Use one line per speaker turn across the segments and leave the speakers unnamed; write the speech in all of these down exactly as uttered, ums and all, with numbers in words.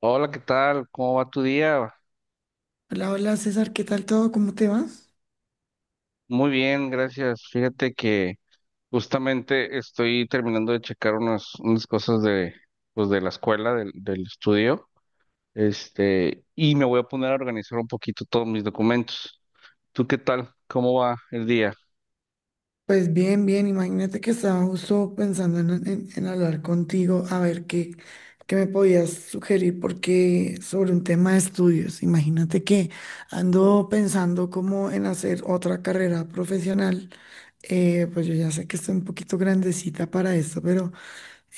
Hola, ¿qué tal? ¿Cómo va tu día?
Hola, hola César, ¿qué tal todo? ¿Cómo te vas?
Muy bien, gracias. Fíjate que justamente estoy terminando de checar unas, unas cosas de, pues de la escuela, del, del estudio, este, y me voy a poner a organizar un poquito todos mis documentos. ¿Tú qué tal? ¿Cómo va el día?
Pues bien, bien, imagínate que estaba justo pensando en, en- en hablar contigo, a ver qué, qué me podías sugerir, porque sobre un tema de estudios, imagínate que ando pensando como en hacer otra carrera profesional. Eh, pues yo ya sé que estoy un poquito grandecita para esto, pero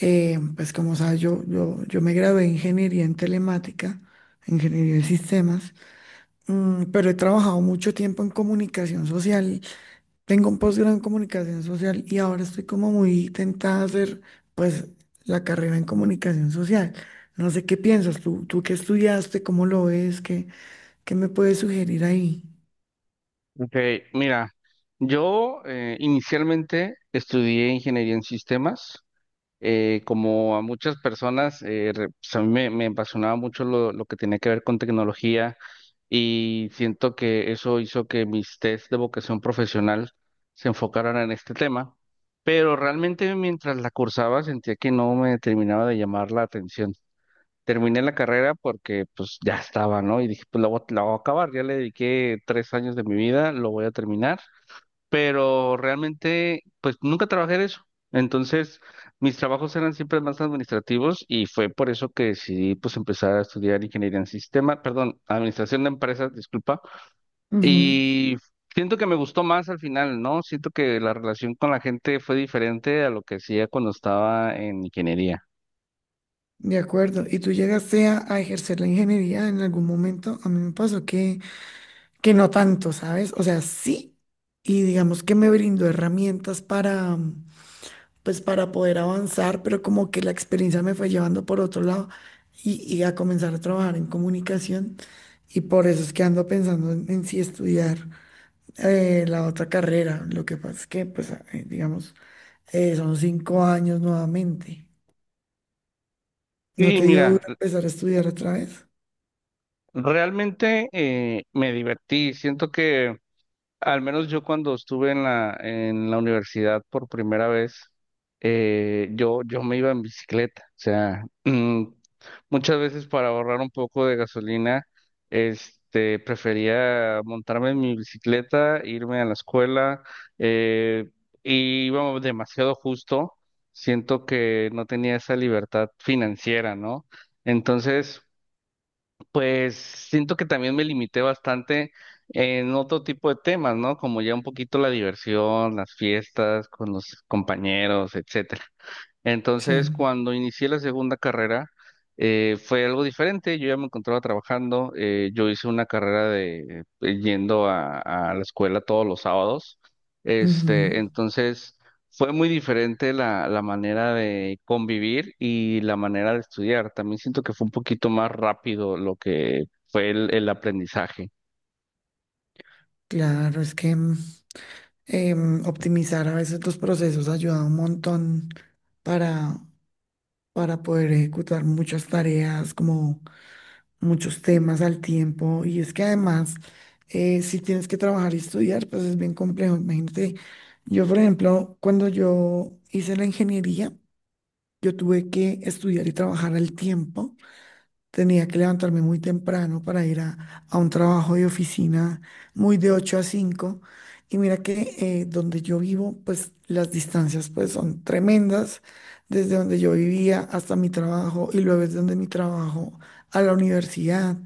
eh, pues como sabes, yo, yo, yo me gradué en ingeniería en telemática, ingeniería de sistemas. Mm, pero he trabajado mucho tiempo en comunicación social. Tengo un posgrado en comunicación social y ahora estoy como muy tentada a hacer pues la carrera en comunicación social. No sé qué piensas tú, tú qué estudiaste, cómo lo ves, qué, qué, me puedes sugerir ahí.
Ok, mira, yo eh, inicialmente estudié ingeniería en sistemas. Eh, como a muchas personas, eh, re- pues a mí me, me apasionaba mucho lo, lo que tenía que ver con tecnología y siento que eso hizo que mis test de vocación profesional se enfocaran en este tema, pero realmente mientras la cursaba sentía que no me terminaba de llamar la atención. Terminé la carrera porque pues ya estaba, ¿no? Y dije, pues la voy, a la voy a acabar, ya le dediqué tres años de mi vida, lo voy a terminar, pero realmente pues nunca trabajé en eso. Entonces, mis trabajos eran siempre más administrativos y fue por eso que decidí pues empezar a estudiar ingeniería en sistema, perdón, administración de empresas, disculpa,
Ujú.
y siento que me gustó más al final, ¿no? Siento que la relación con la gente fue diferente a lo que hacía cuando estaba en ingeniería.
De acuerdo. ¿Y tú llegaste a, a ejercer la ingeniería en algún momento? A mí me pasó que, que no tanto, ¿sabes? O sea, sí, y digamos que me brindó herramientas para pues para poder avanzar, pero como que la experiencia me fue llevando por otro lado y, y a comenzar a trabajar en comunicación. Y por eso es que ando pensando en, en, si estudiar eh, la otra carrera. Lo que pasa es que, pues, a- eh, digamos, eh, son cinco años nuevamente. ¿No
Y
te dio
mira,
duro empezar a estudiar otra vez?
realmente eh, me divertí, siento que al menos yo cuando estuve en la, en la universidad por primera vez, eh, yo, yo me iba en bicicleta. O sea, mm, muchas veces para ahorrar un poco de gasolina, este, prefería montarme en mi bicicleta, irme a la escuela, eh, y iba demasiado justo. Siento que no tenía esa libertad financiera, ¿no? Entonces. Pues siento que también me limité bastante en otro tipo de temas, ¿no? Como ya un poquito la diversión, las fiestas con los compañeros, etcétera.
Sí.
Entonces, cuando inicié la segunda carrera, eh, fue algo diferente. Yo ya me encontraba trabajando. Eh, yo hice una carrera de eh, yendo a, a la escuela todos los sábados.
Ujú.
Este, entonces fue muy diferente la, la manera de convivir y la manera de estudiar. También siento que fue un poquito más rápido lo que fue el, el aprendizaje.
Claro, es que mm, em, optimizar a veces los procesos ayuda un montón para, para poder ejecutar muchas tareas como muchos temas al tiempo. Y es que además, eh, si tienes que trabajar y estudiar, pues es bien complejo. Imagínate, yo por ejemplo cuando yo hice la ingeniería, yo tuve que estudiar y trabajar al tiempo. Tenía que levantarme muy temprano para ir a, a un trabajo de oficina muy de ocho a cinco. Y mira que eh, donde yo vivo, pues las distancias pues son tremendas, desde donde yo vivía hasta mi trabajo y luego desde donde mi trabajo a la universidad.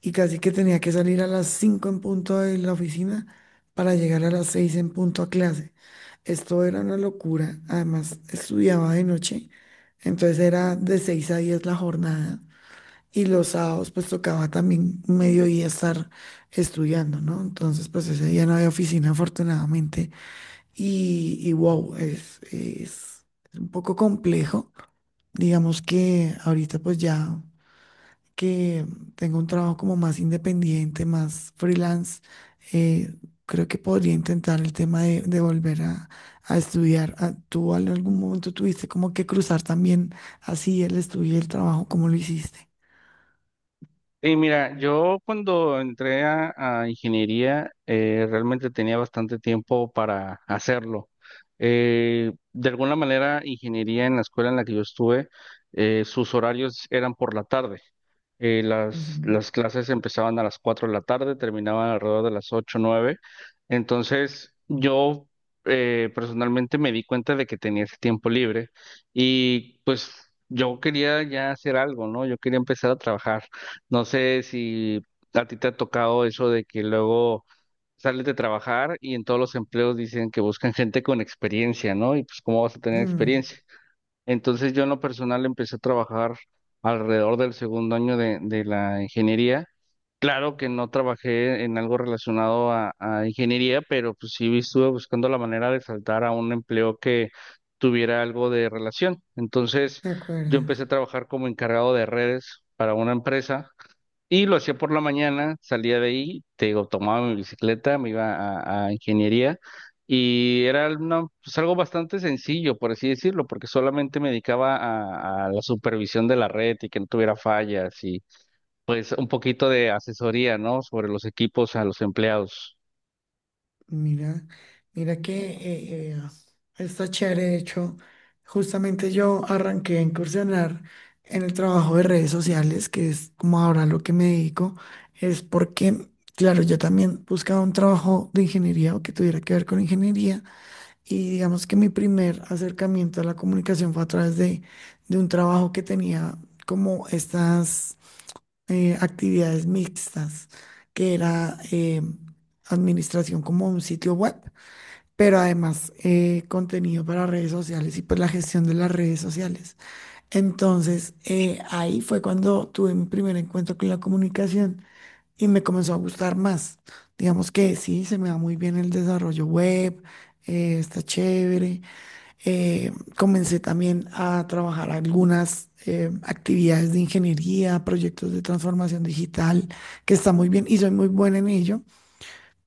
Y casi que tenía que salir a las cinco en punto de la oficina para llegar a las seis en punto a clase. Esto era una locura. Además, estudiaba de noche, entonces era de seis a diez la jornada. Y los sábados pues tocaba también mediodía estar estudiando, ¿no? Entonces pues ese día no había oficina afortunadamente, y, y wow, es, es, un poco complejo. Digamos que ahorita pues ya que tengo un trabajo como más independiente, más freelance, eh, creo que podría intentar el tema de, de, volver a, a estudiar. Ah, ¿tú en algún momento tuviste como que cruzar también así el estudio y el trabajo? ¿Cómo lo hiciste?
Y mira, yo cuando entré a, a ingeniería, eh, realmente tenía bastante tiempo para hacerlo. Eh, de alguna manera, ingeniería en la escuela en la que yo estuve, eh, sus horarios eran por la tarde. Eh, las,
Ujú.
las clases empezaban a las cuatro de la tarde, terminaban alrededor de las ocho o nueve. Entonces, yo eh, personalmente me di cuenta de que tenía ese tiempo libre y yo quería ya hacer algo, ¿no? Yo quería empezar a trabajar. No sé si a ti te ha tocado eso de que luego sales de trabajar y en todos los empleos dicen que buscan gente con experiencia, ¿no? Y pues cómo vas a tener
Mm,
experiencia. Entonces yo en lo personal empecé a trabajar alrededor del segundo año de, de la ingeniería. Claro que no trabajé en algo relacionado a, a ingeniería, pero pues sí estuve buscando la manera de saltar a un empleo que tuviera algo de relación. Entonces,
de
yo
acuerdo.
empecé a trabajar como encargado de redes para una empresa y lo hacía por la mañana, salía de ahí, te digo, tomaba mi bicicleta, me iba a, a ingeniería y era una- pues, algo bastante sencillo, por así decirlo, porque solamente me dedicaba a, a la supervisión de la red y que no tuviera fallas, pues un poquito de asesoría, ¿no? Sobre los equipos a los empleados.
Mira, mira que eh, eh, está chévere. De hecho, justamente yo arranqué a incursionar en el trabajo de redes sociales, que es como ahora lo que me dedico, es porque, claro, yo también buscaba un trabajo de ingeniería o que tuviera que ver con ingeniería. Y digamos que mi primer acercamiento a la comunicación fue a través de, de un trabajo que tenía como estas eh, actividades mixtas, que era eh, administración como un sitio web, pero además eh, contenido para redes sociales y pues la gestión de las redes sociales. Entonces, eh, ahí fue cuando tuve mi primer encuentro con la comunicación y me comenzó a gustar más. Digamos que sí, se me da muy bien el desarrollo web, eh, está chévere. Eh, comencé también a trabajar algunas eh, actividades de ingeniería, proyectos de transformación digital, que está muy bien y soy muy buena en ello,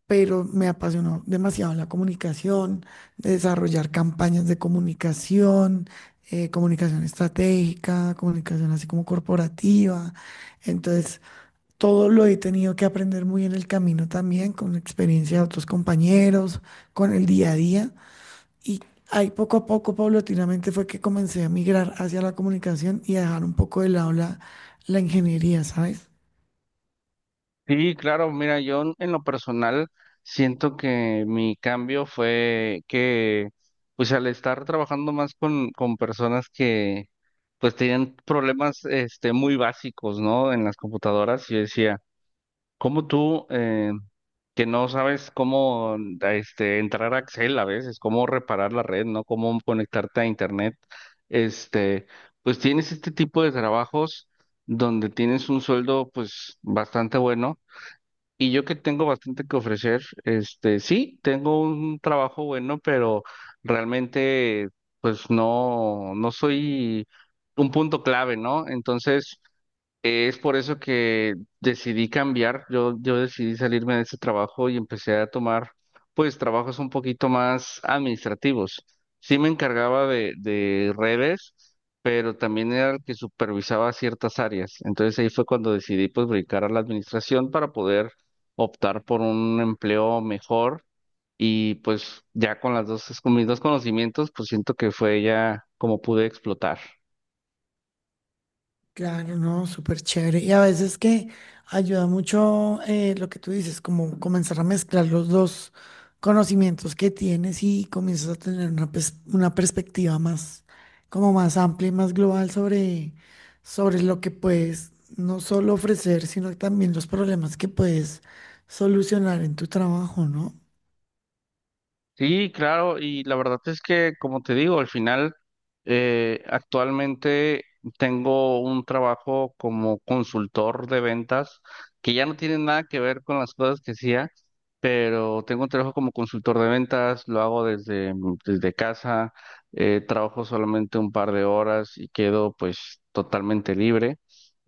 pero me apasionó demasiado la comunicación, desarrollar campañas de comunicación, eh, comunicación estratégica, comunicación así como corporativa. Entonces, todo lo he tenido que aprender muy en el camino también, con la experiencia de otros compañeros, con el día a día. Y ahí poco a poco, paulatinamente, fue que comencé a migrar hacia la comunicación y a dejar un poco de lado la, la, ingeniería, ¿sabes?
Sí, claro, mira, yo en en lo personal siento que mi cambio fue que, pues al estar trabajando más con, con personas que, pues tenían problemas, este, muy básicos, ¿no? En las computadoras, yo decía, como tú, eh, que no sabes cómo este, entrar a Excel a veces, cómo reparar la red, ¿no? Cómo conectarte a Internet, este, pues tienes este tipo de trabajos donde tienes un sueldo, pues, bastante bueno. Y yo que tengo bastante que ofrecer, este, sí, tengo un trabajo bueno, pero realmente, pues, no, no soy un punto clave, ¿no? Entonces. Es por eso que decidí cambiar, yo, yo decidí salirme de ese trabajo y empecé a tomar pues trabajos un poquito más administrativos. Sí me encargaba de, de redes, pero también era el que supervisaba ciertas áreas. Entonces ahí fue cuando decidí pues brincar a la administración para poder optar por un empleo mejor y pues ya con las dos, con mis dos conocimientos pues siento que fue ya como pude explotar.
Claro, no, súper chévere. Y a veces que ayuda mucho eh, lo que tú dices, como comenzar a mezclar los dos conocimientos que tienes y comienzas a tener una, pers- una perspectiva más, como más amplia y más global sobre, sobre, lo que puedes no solo ofrecer, sino también los problemas que puedes solucionar en tu trabajo, ¿no?
Sí, claro, y la verdad es que, como te digo, al final, eh, actualmente tengo un trabajo como consultor de ventas, que ya no tiene nada que ver con las cosas que hacía, pero tengo un trabajo como consultor de ventas, lo hago desde, mm, desde casa, eh, trabajo solamente un par de horas y quedo pues totalmente libre,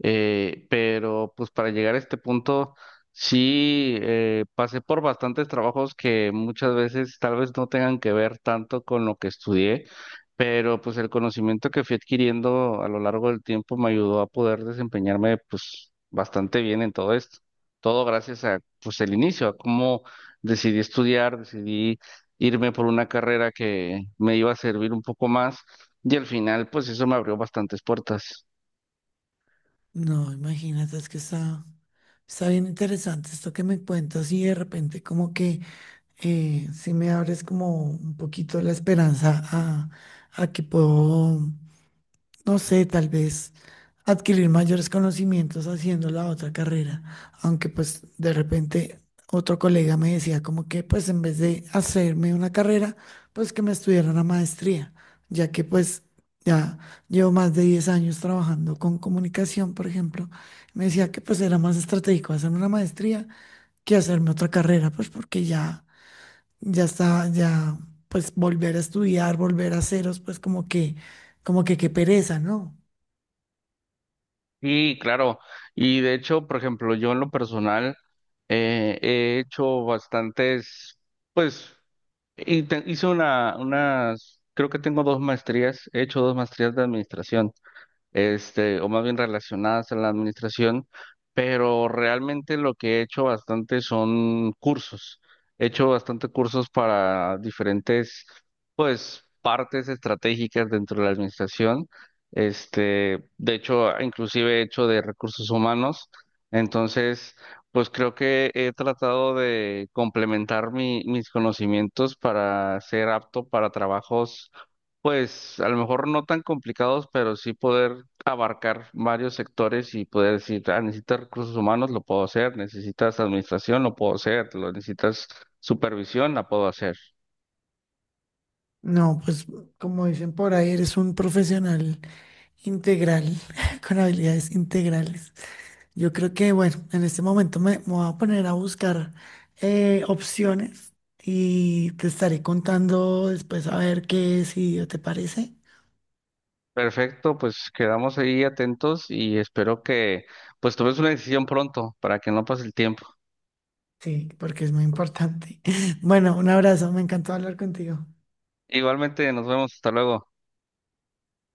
eh, pero pues para llegar a este punto. Sí, eh, pasé por bastantes trabajos que muchas veces tal vez no tengan que ver tanto con lo que estudié, pero pues el conocimiento que fui adquiriendo a lo largo del tiempo me ayudó a poder desempeñarme pues bastante bien en todo esto. Todo gracias a pues el inicio, a cómo decidí estudiar, decidí irme por una carrera que me iba a servir un poco más y al final pues eso me abrió bastantes puertas.
No, imagínate, es que está, está, bien interesante esto que me cuentas. Y de repente como que eh, si me abres como un poquito la esperanza a, a que puedo, no sé, tal vez adquirir mayores conocimientos haciendo la otra carrera, aunque pues de repente otro colega me decía como que pues en vez de hacerme una carrera, pues que me estudiara una maestría, ya que pues ya llevo más de diez años trabajando con comunicación, por ejemplo. Me decía que pues era más estratégico hacerme una maestría que hacerme otra carrera, pues porque ya, ya está, ya pues volver a estudiar, volver a ceros, pues como que, como que qué pereza, ¿no?
Sí, claro. Y de hecho, por ejemplo, yo en lo personal eh, he hecho bastantes, pues, y te- hice una, unas, creo que tengo dos maestrías, he hecho dos maestrías de administración, este, o más bien relacionadas a la administración, pero realmente lo que he hecho bastante son cursos. He hecho bastante cursos para diferentes partes estratégicas dentro de la administración, este, de hecho, inclusive he hecho de recursos humanos, entonces, pues creo que he tratado de complementar mi- mis conocimientos para ser apto para trabajos, pues a lo mejor no tan complicados, pero sí poder abarcar varios sectores y poder decir, ah, necesitas recursos humanos, lo puedo hacer, necesitas administración, lo puedo hacer, lo necesitas supervisión, la puedo hacer.
No, pues como dicen por ahí, eres un profesional integral, con habilidades integrales. Yo creo que, bueno, en este momento me, me, voy a poner a buscar eh, opciones y te estaré contando después a ver qué decidió, ¿te parece?
Perfecto, pues quedamos ahí atentos y espero que pues tomes una decisión pronto para que no pase el tiempo.
Sí, porque es muy importante. Bueno, un abrazo, me encantó hablar contigo.
Igualmente, nos vemos, hasta luego.